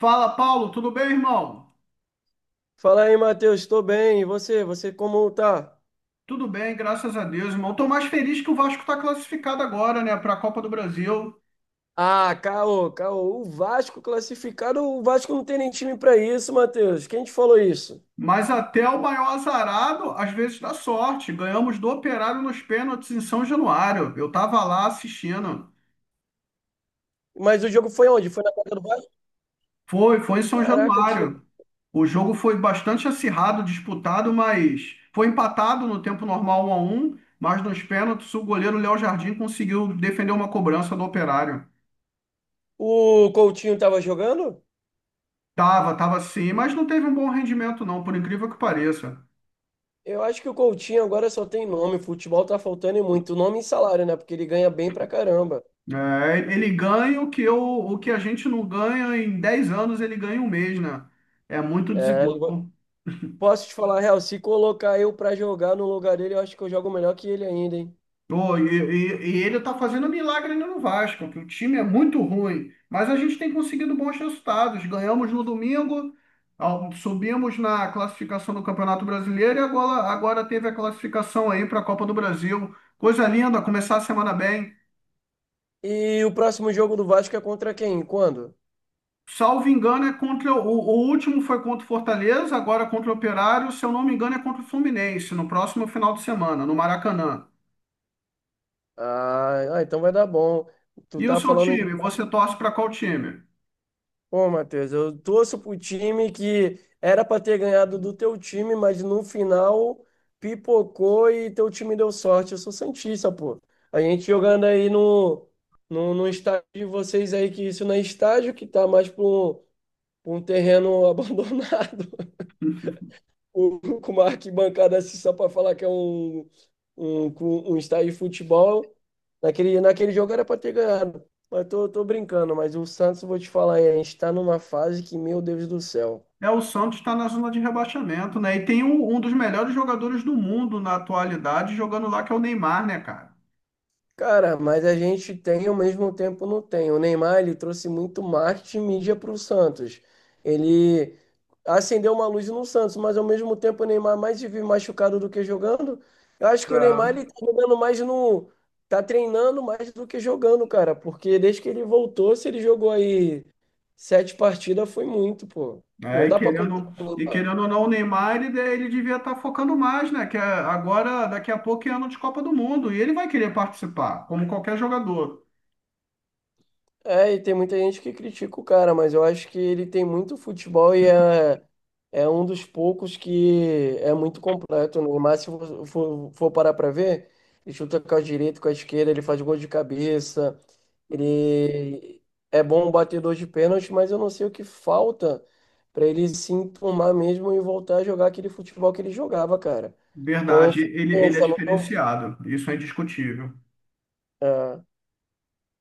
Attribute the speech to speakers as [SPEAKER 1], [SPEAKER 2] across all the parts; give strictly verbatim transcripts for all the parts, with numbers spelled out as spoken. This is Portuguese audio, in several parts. [SPEAKER 1] Fala, Paulo, tudo bem, irmão?
[SPEAKER 2] Fala aí, Matheus, estou bem. E você? Você como tá?
[SPEAKER 1] Tudo bem, graças a Deus, irmão. Tô mais feliz que o Vasco está classificado agora, né, para a Copa do Brasil.
[SPEAKER 2] Ah, caô, caô. O Vasco classificado, o Vasco não tem nem time pra isso, Matheus. Quem te falou isso?
[SPEAKER 1] Mas até o maior azarado, às vezes dá sorte. Ganhamos do Operário nos pênaltis em São Januário. Eu tava lá assistindo.
[SPEAKER 2] Mas o jogo foi onde? Foi na casa do Vasco?
[SPEAKER 1] Foi, foi em São
[SPEAKER 2] Caraca, tiro.
[SPEAKER 1] Januário. O jogo foi bastante acirrado, disputado, mas foi empatado no tempo normal um a um, mas nos pênaltis o goleiro Léo Jardim conseguiu defender uma cobrança do Operário.
[SPEAKER 2] O Coutinho tava jogando?
[SPEAKER 1] Tava, tava sim, mas não teve um bom rendimento não, por incrível que pareça.
[SPEAKER 2] Eu acho que o Coutinho agora só tem nome. Futebol tá faltando e muito. Nome e salário, né? Porque ele ganha bem pra caramba.
[SPEAKER 1] É, ele ganha o que eu, o que a gente não ganha em dez anos, ele ganha em um mês, né? É muito
[SPEAKER 2] É, eu-
[SPEAKER 1] desigual.
[SPEAKER 2] posso te falar a real, se colocar eu pra jogar no lugar dele, eu acho que eu jogo melhor que ele ainda, hein?
[SPEAKER 1] Pô, e, e- e ele tá fazendo milagre ainda no Vasco, que o time é muito ruim, mas a gente tem conseguido bons resultados. Ganhamos no domingo, ao- subimos na classificação do Campeonato Brasileiro e agora, agora teve a classificação aí para a Copa do Brasil. Coisa linda, começar a semana bem.
[SPEAKER 2] E o próximo jogo do Vasco é contra quem? Quando?
[SPEAKER 1] Salvo engano, é contra o, o último foi contra o Fortaleza, agora contra o Operário, se eu não me engano, é contra o Fluminense, no próximo final de semana, no Maracanã.
[SPEAKER 2] Ah, ah, então vai dar bom. Tu
[SPEAKER 1] E o
[SPEAKER 2] tá
[SPEAKER 1] seu
[SPEAKER 2] falando, em-
[SPEAKER 1] time? Você torce para qual time?
[SPEAKER 2] pô, Matheus, eu torço pro time que era pra ter ganhado do teu time, mas no final pipocou e teu time deu sorte. Eu sou santista, pô. A gente jogando aí no, no, no estádio de vocês aí, que isso não é estádio, que tá mais pra um, pra um, terreno abandonado, com com uma arquibancada assim só pra falar que é um um, com um estádio de futebol. Naquele, naquele jogo era para ter ganhado. Mas tô, tô brincando, mas o Santos, vou te falar, hein, a gente tá numa fase que, meu Deus do céu.
[SPEAKER 1] É, o Santos está na zona de rebaixamento, né? E tem um, um dos melhores jogadores do mundo na atualidade jogando lá, que é o Neymar, né, cara?
[SPEAKER 2] Cara, mas a gente tem e ao mesmo tempo não tem. O Neymar, ele trouxe muito marketing e mídia para o Santos. Ele acendeu uma luz no Santos, mas ao mesmo tempo o Neymar mais vive machucado do que jogando. Eu acho que o Neymar,
[SPEAKER 1] É,
[SPEAKER 2] ele tá jogando mais no... Tá treinando mais do que jogando, cara. Porque desde que ele voltou, se ele jogou aí sete partidas, foi muito, pô. Não
[SPEAKER 1] É, e
[SPEAKER 2] dá pra
[SPEAKER 1] querendo, e
[SPEAKER 2] contar.
[SPEAKER 1] querendo ou não, o Neymar, ele, de- ele devia estar focando mais, né? Que é- agora, daqui a pouco, é ano de Copa do Mundo. E ele vai querer participar, como qualquer jogador.
[SPEAKER 2] É, e tem muita gente que critica o cara, mas eu acho que ele tem muito futebol e é, é um dos poucos que é muito completo. O Neymar, se for, for- for parar pra ver, ele chuta com a direita, com a esquerda, ele faz gol de cabeça, ele é bom batedor de pênalti, mas eu não sei o que falta pra ele se enturmar mesmo e voltar a jogar aquele futebol que ele jogava, cara. Com
[SPEAKER 1] Verdade, ele, ele é
[SPEAKER 2] força, não...
[SPEAKER 1] diferenciado, isso é indiscutível.
[SPEAKER 2] É,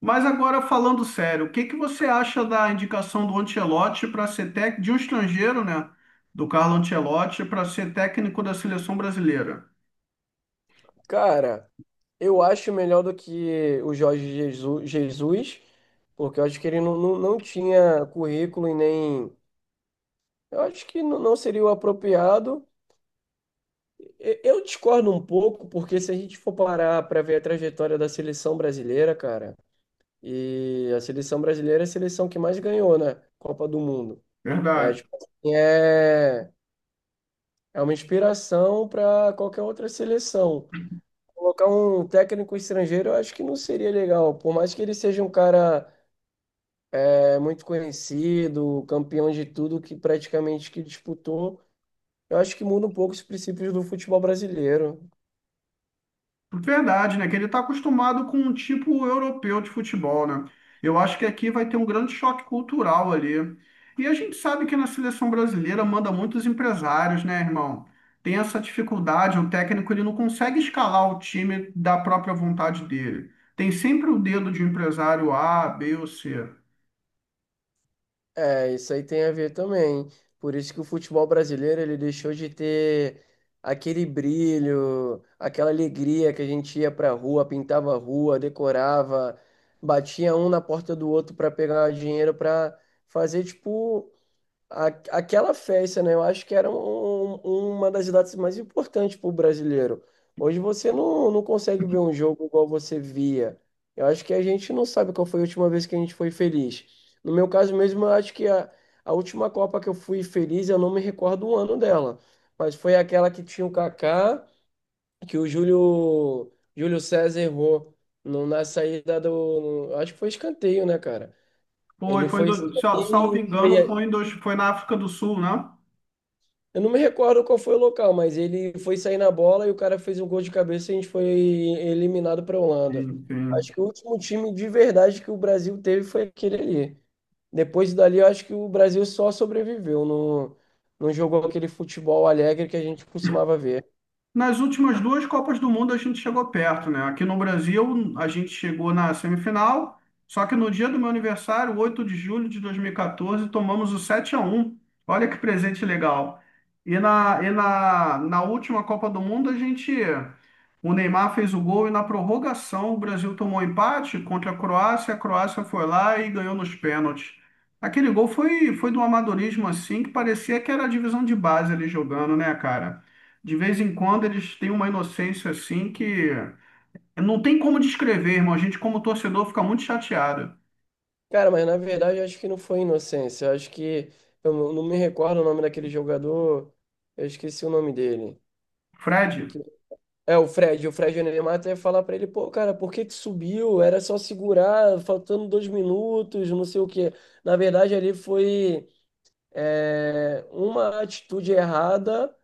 [SPEAKER 1] Mas agora, falando sério, o que que você acha da indicação do Ancelotti para ser técnico de um estrangeiro, né? Do Carlo Ancelotti para ser técnico da seleção brasileira?
[SPEAKER 2] cara. Eu acho melhor do que o Jorge Jesus Jesus, porque eu acho que ele não, não, não tinha currículo e nem. Eu acho que não, não seria o apropriado. E- Eu discordo um pouco, porque se a gente for parar para ver a trajetória da seleção brasileira, cara, e a seleção brasileira é a seleção que mais ganhou, né? Copa do Mundo. É,
[SPEAKER 1] Verdade.
[SPEAKER 2] tipo, assim, é, é uma inspiração para qualquer outra seleção. Colocar um técnico estrangeiro, eu acho que não seria legal, por mais que ele seja um cara é muito conhecido, campeão de tudo que praticamente que disputou. Eu acho que muda um pouco os princípios do futebol brasileiro.
[SPEAKER 1] Verdade, né? Que ele está acostumado com um tipo europeu de futebol, né? Eu acho que aqui vai ter um grande choque cultural ali. E a gente sabe que na seleção brasileira manda muitos empresários, né, irmão? Tem essa dificuldade, o técnico ele não consegue escalar o time da própria vontade dele. Tem sempre o dedo de um empresário A, B ou C.
[SPEAKER 2] É, isso aí tem a ver também. Por isso que o futebol brasileiro ele deixou de ter aquele brilho, aquela alegria que a gente ia pra rua, pintava a rua, decorava, batia um na porta do outro para pegar dinheiro para fazer tipo a- aquela festa, né? Eu acho que era um- um, uma das datas mais importantes para o brasileiro. Hoje você não, não consegue ver um jogo igual você via. Eu acho que a gente não sabe qual foi a última vez que a gente foi feliz. No meu caso mesmo, eu acho que a, a última Copa que eu fui feliz, eu não me recordo o ano dela. Mas foi aquela que tinha o Kaká, que o Júlio, Júlio César errou no- na saída do. Acho que foi escanteio, né, cara?
[SPEAKER 1] Foi,
[SPEAKER 2] Ele
[SPEAKER 1] foi em
[SPEAKER 2] foi.
[SPEAKER 1] do- sal- salvo
[SPEAKER 2] E
[SPEAKER 1] engano, foi, em dois, foi na África do Sul, né?
[SPEAKER 2] eu não me recordo qual foi o local, mas ele foi sair na bola e o cara fez um gol de cabeça e a gente foi eliminado para a Holanda.
[SPEAKER 1] Enfim.
[SPEAKER 2] Acho que o último time de verdade que o Brasil teve foi aquele ali. Depois dali, eu acho que o Brasil só sobreviveu, não, não jogou aquele futebol alegre que a gente costumava ver.
[SPEAKER 1] Nas últimas duas Copas do Mundo a gente chegou perto, né? Aqui no Brasil a gente chegou na semifinal, só que no dia do meu aniversário, oito de julho de dois mil e quatorze, tomamos o sete a um. Olha que presente legal. E na, e na, na última Copa do Mundo a gente o Neymar fez o gol e na prorrogação o Brasil tomou empate contra a Croácia, a Croácia foi lá e ganhou nos pênaltis. Aquele gol foi foi de um amadorismo assim que parecia que era a divisão de base ali jogando, né, cara? De vez em quando eles têm uma inocência assim que não tem como descrever, irmão. A gente, como torcedor, fica muito chateado.
[SPEAKER 2] Cara, mas na verdade, eu acho que não foi inocência. Eu acho que eu não não me recordo o nome daquele jogador, eu esqueci o nome dele.
[SPEAKER 1] Fred.
[SPEAKER 2] É, o Fred, o Fred Neymar ia falar pra ele, pô, cara, por que que subiu? Era só segurar, faltando dois minutos, não sei o quê. Na verdade, ali foi é, uma atitude errada,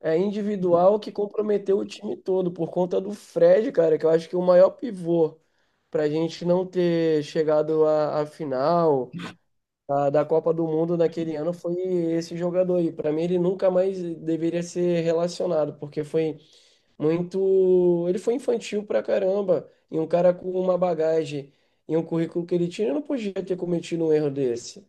[SPEAKER 2] é, individual, que comprometeu o time todo, por conta do Fred, cara, que eu acho que é o maior pivô pra gente não ter chegado à, à final da, da Copa do Mundo naquele ano foi esse jogador aí. Pra mim, ele nunca mais deveria ser relacionado, porque foi muito. Ele foi infantil pra caramba. E um cara com uma bagagem e um currículo que ele tinha, ele não podia ter cometido um erro desse.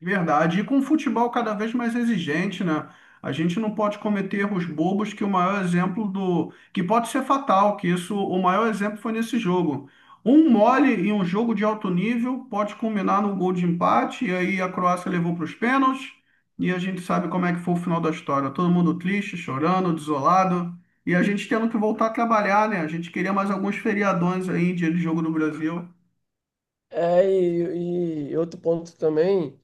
[SPEAKER 1] De verdade. E com o futebol cada vez mais exigente, né? A gente não pode cometer erros bobos que o maior exemplo do... que pode ser fatal, que isso, o maior exemplo foi nesse jogo. Um mole em um jogo de alto nível pode culminar no gol de empate, e aí a Croácia levou para os pênaltis, e a gente sabe como é que foi o final da história. Todo mundo triste, chorando, desolado, e a gente tendo que voltar a trabalhar, né? A gente queria mais alguns feriadões aí, dia de jogo do Brasil.
[SPEAKER 2] É, e, e outro ponto também.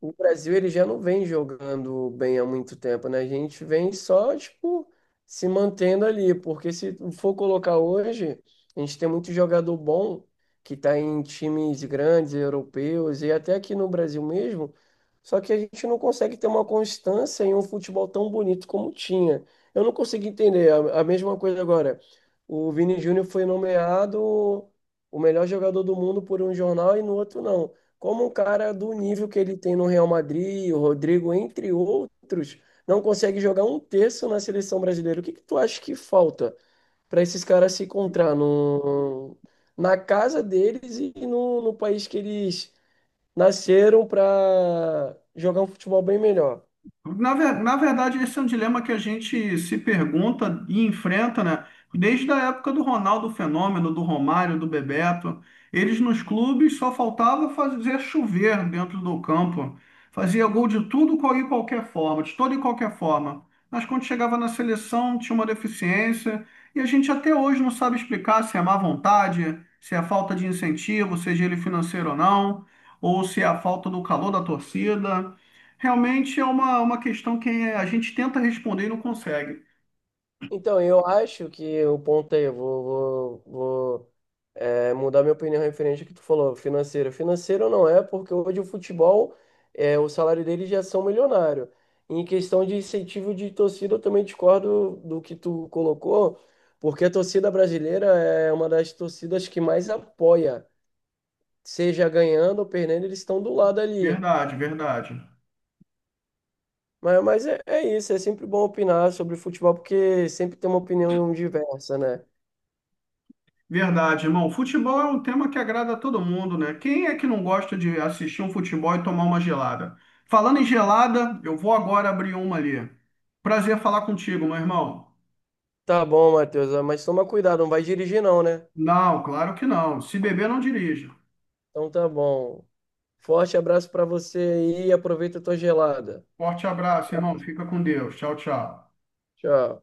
[SPEAKER 2] O Brasil ele já não vem jogando bem há muito tempo, né? A gente vem só, tipo, se mantendo ali, porque se for colocar hoje, a gente tem muito jogador bom que tá em times grandes, europeus e até aqui no Brasil mesmo, só que a gente não consegue ter uma constância em um futebol tão bonito como tinha. Eu não consigo entender. A, a mesma coisa agora. O Vini Júnior foi nomeado o melhor jogador do mundo por um jornal e no outro não, como um cara do nível que ele tem no Real Madrid, o Rodrigo, entre outros, não consegue jogar um terço na seleção brasileira. O que que tu acha que falta para esses caras se encontrar no, na casa deles e no, no país que eles nasceram para jogar um futebol bem melhor?
[SPEAKER 1] Na, ver- na verdade, esse é um dilema que a gente se pergunta e enfrenta, né? Desde a época do Ronaldo Fenômeno, do Romário, do Bebeto. Eles nos clubes só faltava fazer chover dentro do campo. Fazia gol de tudo qual- e qualquer forma, de toda e qualquer forma. Mas quando chegava na seleção, tinha uma deficiência. E a gente até hoje não sabe explicar se é má vontade, se é falta de incentivo, seja ele financeiro ou não, ou se é a falta do calor da torcida. Realmente é uma, uma questão que a gente tenta responder e não consegue.
[SPEAKER 2] Então, eu acho que o ponto aí, eu vou, vou, vou É, mudar minha opinião referente ao que tu falou, financeiro. Financeiro não é, porque hoje o futebol, é, o salário deles já são milionário. Em questão de incentivo de torcida, eu também discordo do que tu colocou, porque a torcida brasileira é uma das torcidas que mais apoia, seja ganhando ou perdendo, eles estão do lado ali.
[SPEAKER 1] Verdade, verdade.
[SPEAKER 2] Mas, mas é, é isso, é sempre bom opinar sobre futebol, porque sempre tem uma opinião diversa, né?
[SPEAKER 1] Verdade, irmão. Futebol é um tema que agrada a todo mundo, né? Quem é que não gosta de assistir um futebol e tomar uma gelada? Falando em gelada, eu vou agora abrir uma ali. Prazer falar contigo, meu irmão.
[SPEAKER 2] Tá bom, Matheus, mas toma cuidado, não vai dirigir não, né?
[SPEAKER 1] Não, claro que não. Se beber, não dirija.
[SPEAKER 2] Então tá bom. Forte abraço para você aí. E aproveita a tua gelada.
[SPEAKER 1] Forte abraço, irmão. Fica com Deus. Tchau, tchau.
[SPEAKER 2] Tchau.